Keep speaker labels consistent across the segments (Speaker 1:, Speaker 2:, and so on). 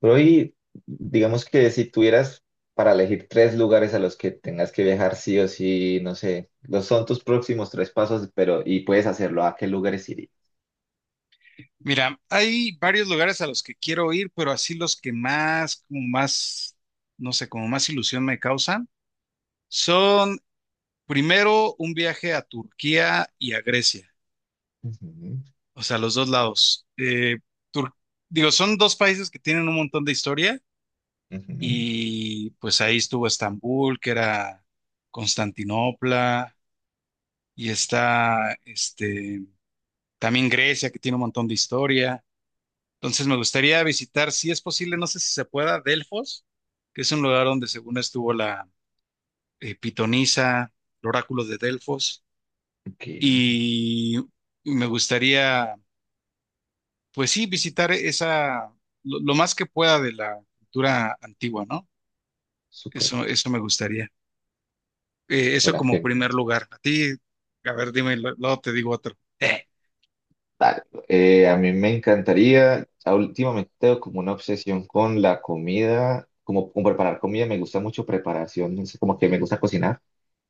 Speaker 1: Pero hoy, digamos que si tuvieras para elegir tres lugares a los que tengas que viajar sí o sí, no sé, los son tus próximos tres pasos, pero y puedes hacerlo, ¿a qué lugares irías?
Speaker 2: Mira, hay varios lugares a los que quiero ir, pero así los que más, como más, no sé, como más ilusión me causan, son primero un viaje a Turquía y a Grecia,
Speaker 1: Ujú,
Speaker 2: o sea, los dos lados. Tur- Digo, son dos países que tienen un montón de historia
Speaker 1: ujú,
Speaker 2: y pues ahí estuvo Estambul, que era Constantinopla, y está, también Grecia, que tiene un montón de historia. Entonces me gustaría visitar, si es posible, no sé si se pueda, Delfos, que es un lugar donde según estuvo la pitonisa, el oráculo de Delfos,
Speaker 1: ok,
Speaker 2: y me gustaría, pues sí, visitar esa, lo más que pueda de la cultura antigua, ¿no?
Speaker 1: súper,
Speaker 2: Eso me gustaría. Eso
Speaker 1: suena
Speaker 2: como primer
Speaker 1: genial.
Speaker 2: lugar. A ti, a ver, dime, luego te digo otro.
Speaker 1: A mí me encantaría, últimamente tengo como una obsesión con la comida, como con preparar comida, me gusta mucho preparación, no sé, como que me gusta cocinar.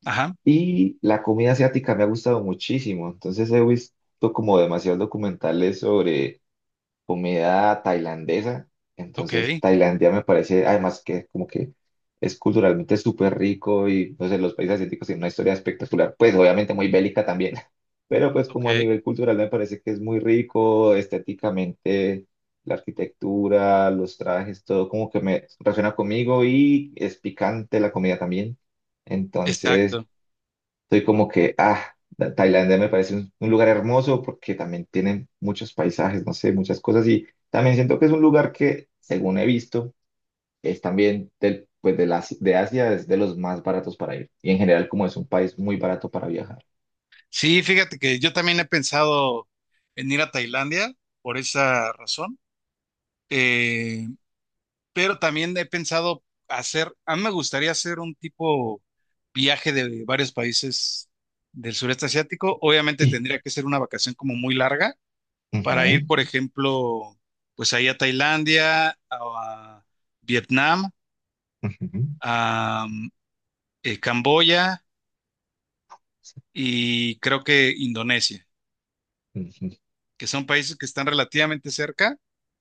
Speaker 2: Ajá,
Speaker 1: Y la comida asiática me ha gustado muchísimo, entonces he visto como demasiados documentales sobre comida tailandesa.
Speaker 2: ok,
Speaker 1: Entonces, Tailandia me parece, además que como que es culturalmente súper rico y no sé, los países asiáticos tienen una historia espectacular, pues obviamente muy bélica también, pero pues como a
Speaker 2: ok,
Speaker 1: nivel cultural me parece que es muy rico, estéticamente, la arquitectura, los trajes, todo como que me relaciona conmigo y es picante la comida también. Entonces,
Speaker 2: exacto.
Speaker 1: soy como que, ah, Tailandia me parece un lugar hermoso porque también tienen muchos paisajes, no sé, muchas cosas. Y también siento que es un lugar que, según he visto, es también del, pues de, la, de Asia, es de los más baratos para ir. Y en general, como es un país muy barato para viajar.
Speaker 2: Sí, fíjate que yo también he pensado en ir a Tailandia por esa razón, eh, pero también he pensado hacer, a mí me gustaría hacer un tipo viaje de varios países del sureste asiático. Obviamente
Speaker 1: Sí.
Speaker 2: tendría que ser una vacación como muy larga para ir,
Speaker 1: Ujú,
Speaker 2: por ejemplo, pues ahí a Tailandia, a Vietnam,
Speaker 1: ujú.
Speaker 2: a mm, Camboya y creo que Indonesia,
Speaker 1: Ujú,
Speaker 2: que son países que están relativamente cerca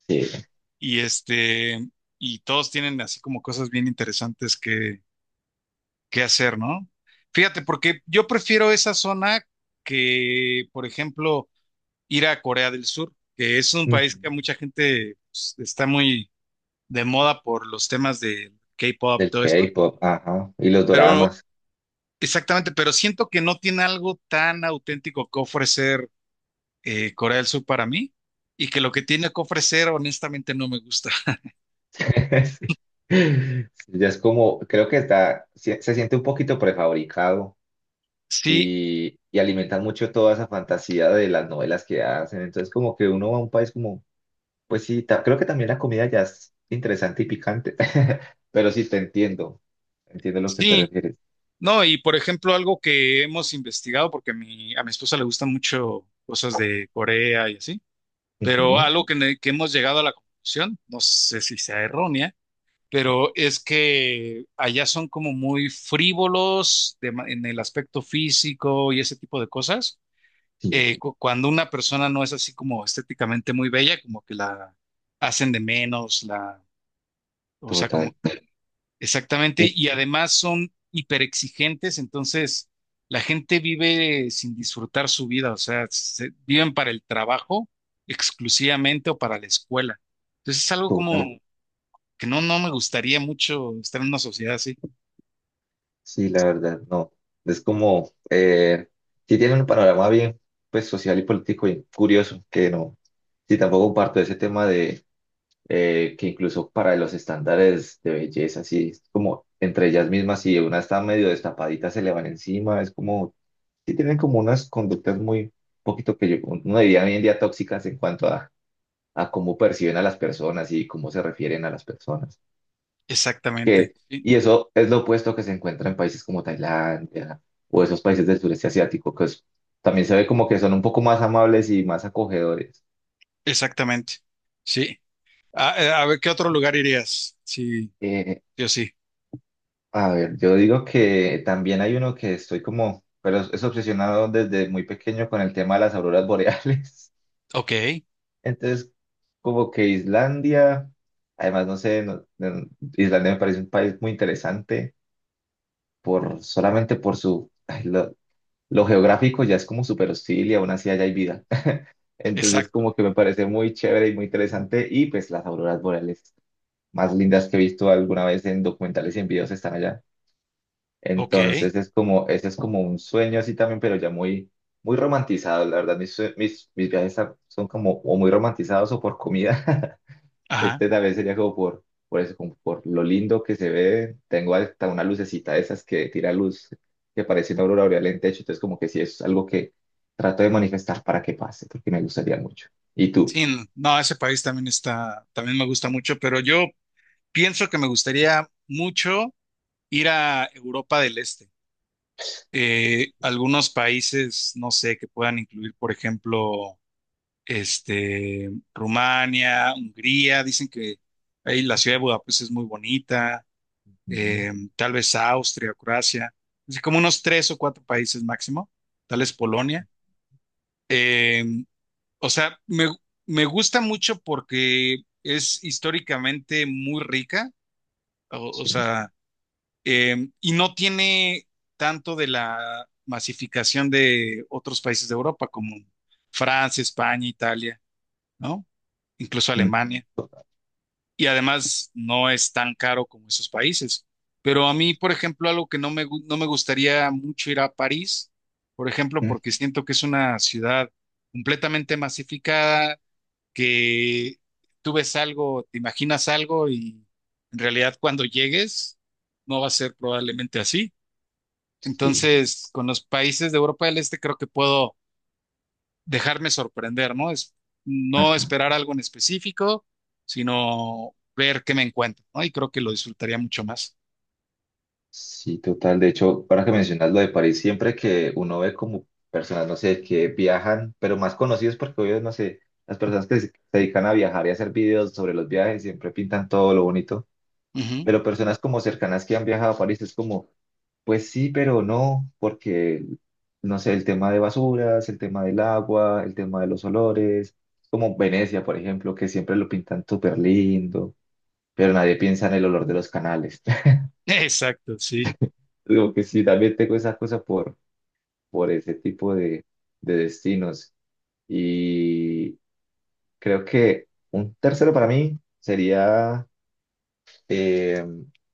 Speaker 1: sí.
Speaker 2: y y todos tienen así como cosas bien interesantes que hacer, ¿no? Fíjate, porque yo prefiero esa zona que, por ejemplo, ir a Corea del Sur, que es un
Speaker 1: Ujú.
Speaker 2: país que mucha gente pues, está muy de moda por los temas de K-pop y
Speaker 1: El
Speaker 2: todo eso,
Speaker 1: K-pop, ajá. Y los
Speaker 2: pero
Speaker 1: doramas.
Speaker 2: exactamente, pero siento que no tiene algo tan auténtico que ofrecer Corea del Sur para mí. Y que lo que tiene que ofrecer, honestamente, no me gusta.
Speaker 1: Sí. Sí, ya es como, creo que está, se siente un poquito prefabricado
Speaker 2: Sí,
Speaker 1: y alimentan mucho toda esa fantasía de las novelas que hacen. Entonces, como que uno va a un país como, pues sí, creo que también la comida ya es interesante y picante, pero sí te entiendo, entiendo a lo que te
Speaker 2: sí,
Speaker 1: refieres.
Speaker 2: no, y por ejemplo, algo que hemos investigado, porque a mi esposa le gustan mucho cosas de Corea y así, pero
Speaker 1: Ujú,
Speaker 2: algo que, que hemos llegado a la conclusión, no sé si sea errónea, pero es que allá son como muy frívolos en el aspecto físico y ese tipo de cosas.
Speaker 1: sí,
Speaker 2: Cuando una persona no es así como estéticamente muy bella, como que la hacen de menos, la, o sea, como
Speaker 1: total,
Speaker 2: exactamente,
Speaker 1: eh,
Speaker 2: y además son hiperexigentes, entonces la gente vive sin disfrutar su vida, o sea, viven para el trabajo exclusivamente o para la escuela. Entonces es algo como
Speaker 1: total,
Speaker 2: que no, no me gustaría mucho estar en una sociedad así.
Speaker 1: sí, la verdad, no. Es como, sí tienen un panorama bien, pues social y político y curioso, que no, sí, tampoco comparto ese tema que incluso para los estándares de belleza, así es como entre ellas mismas, si una está medio destapadita, se le van encima, es como, sí tienen como unas conductas muy, poquito que yo, uno diría hoy en día tóxicas en cuanto a cómo perciben a las personas y cómo se refieren a las personas.
Speaker 2: Exactamente,
Speaker 1: Que,
Speaker 2: sí,
Speaker 1: y eso es lo opuesto que se encuentra en países como Tailandia o esos países del sureste asiático, también se ve como que son un poco más amables y más acogedores.
Speaker 2: exactamente, sí. A ver, ¿qué otro lugar irías? Sí,
Speaker 1: Eh,
Speaker 2: yo sí.
Speaker 1: A ver, yo digo que también hay uno que estoy como, pero es obsesionado desde muy pequeño con el tema de las auroras boreales.
Speaker 2: Ok,
Speaker 1: Entonces, como que Islandia, además, no sé, Islandia me parece un país muy interesante por solamente por su, ay, lo geográfico ya es como súper hostil y aún así allá hay vida. Entonces,
Speaker 2: exacto,
Speaker 1: como que me parece muy chévere y muy interesante y pues las auroras boreales más lindas que he visto alguna vez en documentales y en videos están allá.
Speaker 2: ok,
Speaker 1: Entonces es como, ese es como un sueño así también, pero ya muy, muy romantizado. La verdad, mis, mis viajes son como o muy romantizados o por comida.
Speaker 2: ajá.
Speaker 1: Este tal vez sería como por eso, como por lo lindo que se ve. Tengo hasta una lucecita de esas que tira luz, que parece una aurora boreal en techo. Entonces como que sí, es algo que trato de manifestar para que pase, porque me gustaría mucho. ¿Y tú?
Speaker 2: Sí, no, ese país también está, también me gusta mucho, pero yo pienso que me gustaría mucho ir a Europa del Este. Algunos países, no sé, que puedan incluir, por ejemplo, Rumania, Hungría, dicen que ahí la ciudad de Budapest es muy bonita,
Speaker 1: Mm,
Speaker 2: eh, tal vez Austria, Croacia, así como unos tres o cuatro países máximo, tal vez Polonia. Eh, o sea, me gusta mucho porque es históricamente muy rica, o o
Speaker 1: sí.
Speaker 2: sea Y no tiene tanto de la masificación de otros países de Europa como Francia, España, Italia, ¿no? Incluso
Speaker 1: Mm,
Speaker 2: Alemania. Y además no es tan caro como esos países. Pero a mí, por ejemplo, algo que no me, no me gustaría mucho ir a París, por ejemplo,
Speaker 1: mm,
Speaker 2: porque siento que es una ciudad completamente masificada, que tú ves algo, te imaginas algo y en realidad cuando llegues no va a ser probablemente así.
Speaker 1: sí.
Speaker 2: Entonces, con los países de Europa del Este creo que puedo dejarme sorprender, ¿no? Es no esperar algo en específico, sino ver qué me encuentro, ¿no? Y creo que lo disfrutaría mucho más.
Speaker 1: Sí, total. De hecho, ahora que mencionas lo de París, siempre que uno ve como personas, no sé, que viajan, pero más conocidos porque obvio, no sé, las personas que se dedican a viajar y hacer videos sobre los viajes siempre pintan todo lo bonito,
Speaker 2: Ujú.
Speaker 1: pero personas como cercanas que han viajado a París es como, pues sí, pero no, porque, no sé, el tema de basuras, el tema del agua, el tema de los olores, como Venecia, por ejemplo, que siempre lo pintan súper lindo, pero nadie piensa en el olor de los canales.
Speaker 2: Exacto, sí.
Speaker 1: Digo que sí, también tengo esa cosa por ese tipo de destinos. Y creo que un tercero para mí sería eh,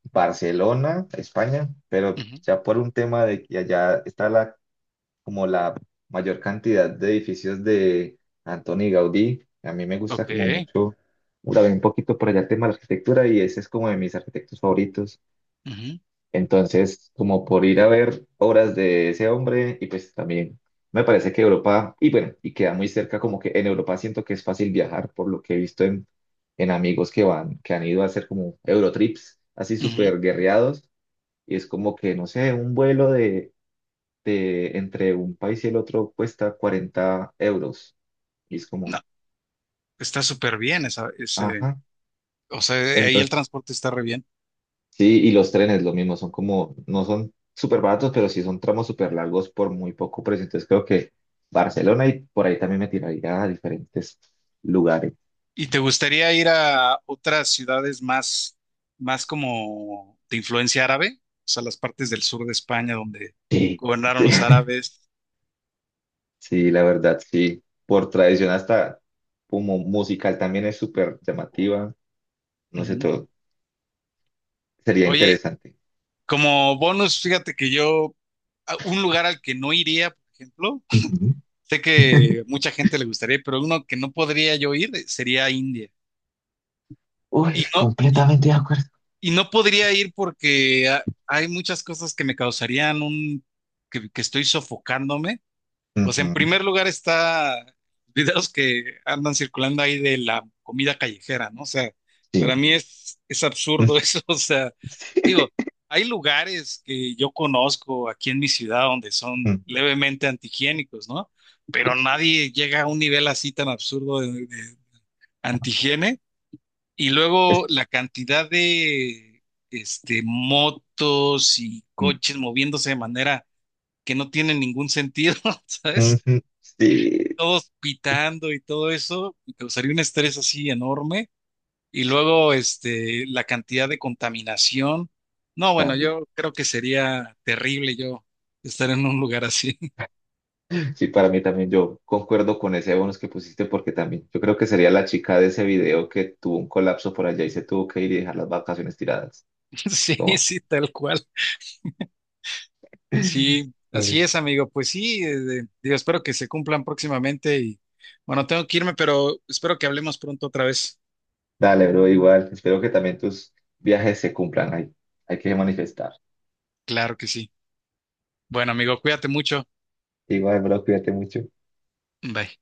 Speaker 1: Barcelona, España, pero
Speaker 2: Ujú.
Speaker 1: ya por un tema de que allá está la, como la mayor cantidad de edificios de Antoni Gaudí. A mí me gusta
Speaker 2: Ok.
Speaker 1: como mucho, también un poquito por allá el tema de la arquitectura y ese es como de mis arquitectos favoritos.
Speaker 2: Ujú,
Speaker 1: Entonces, como por ir a ver obras de ese hombre, y pues también me parece que Europa, y bueno, y queda muy cerca, como que en Europa siento que es fácil viajar, por lo que he visto en amigos que van, que han ido a hacer como Eurotrips, así
Speaker 2: ujú.
Speaker 1: súper guerreados, y es como que, no sé, un vuelo de entre un país y el otro cuesta 40 euros, y es
Speaker 2: No,
Speaker 1: como,
Speaker 2: está súper bien esa, ese,
Speaker 1: ajá.
Speaker 2: o sea, ahí el
Speaker 1: Entonces,
Speaker 2: transporte está re bien.
Speaker 1: sí, y los trenes lo mismo, son como, no son súper baratos, pero sí son tramos súper largos por muy poco precio. Entonces creo que Barcelona y por ahí también me tiraría a diferentes lugares.
Speaker 2: ¿Y te gustaría ir a otras ciudades más, más como de influencia árabe? O sea, las partes del sur de España donde
Speaker 1: Sí,
Speaker 2: gobernaron
Speaker 1: sí,
Speaker 2: los árabes.
Speaker 1: sí, la verdad, sí. Por tradición hasta como musical también es súper llamativa. No sé,
Speaker 2: Ujú.
Speaker 1: todo sería
Speaker 2: Oye,
Speaker 1: interesante.
Speaker 2: como bonus, fíjate que yo, un lugar al que no iría, por ejemplo,
Speaker 1: Ujú.
Speaker 2: sé que mucha gente le gustaría, pero uno que no podría yo ir sería India. Y
Speaker 1: Uy,
Speaker 2: no, y,
Speaker 1: completamente de acuerdo.
Speaker 2: y no podría ir porque hay muchas cosas que me causarían un, que estoy sofocándome. Pues en
Speaker 1: Ujú,
Speaker 2: primer lugar está videos que andan circulando ahí de la comida callejera, ¿no? O sea,
Speaker 1: sí.
Speaker 2: para mí es absurdo eso, o sea,
Speaker 1: Sí.
Speaker 2: digo, hay lugares que yo conozco aquí en mi ciudad donde son
Speaker 1: Ujú,
Speaker 2: levemente antihigiénicos, ¿no? Pero
Speaker 1: sí.
Speaker 2: nadie llega a un nivel así tan absurdo de antihigiene. Y luego
Speaker 1: Es-
Speaker 2: la cantidad de motos y coches moviéndose de manera que no tiene ningún sentido, ¿sabes?
Speaker 1: ujú, sí,
Speaker 2: Todos pitando y todo eso, me causaría un estrés así enorme. Y luego, la cantidad de contaminación. No, bueno,
Speaker 1: también.
Speaker 2: yo creo que sería terrible yo estar en un lugar así.
Speaker 1: Sí, para mí también yo concuerdo con ese bonus que pusiste porque también yo creo que sería la chica de ese video que tuvo un colapso por allá y se tuvo que ir y dejar las vacaciones tiradas.
Speaker 2: Sí,
Speaker 1: Toma.
Speaker 2: sí, tal cual. Sí,
Speaker 1: Ay,
Speaker 2: así es, amigo. Pues sí, digo, espero que se cumplan próximamente y bueno, tengo que irme, pero espero que hablemos pronto otra vez.
Speaker 1: dale, bro, igual. Espero que también tus viajes se cumplan. Hay que manifestar.
Speaker 2: Claro que sí. Bueno, amigo, cuídate mucho.
Speaker 1: Igual, bro, cuídate mucho.
Speaker 2: Bye.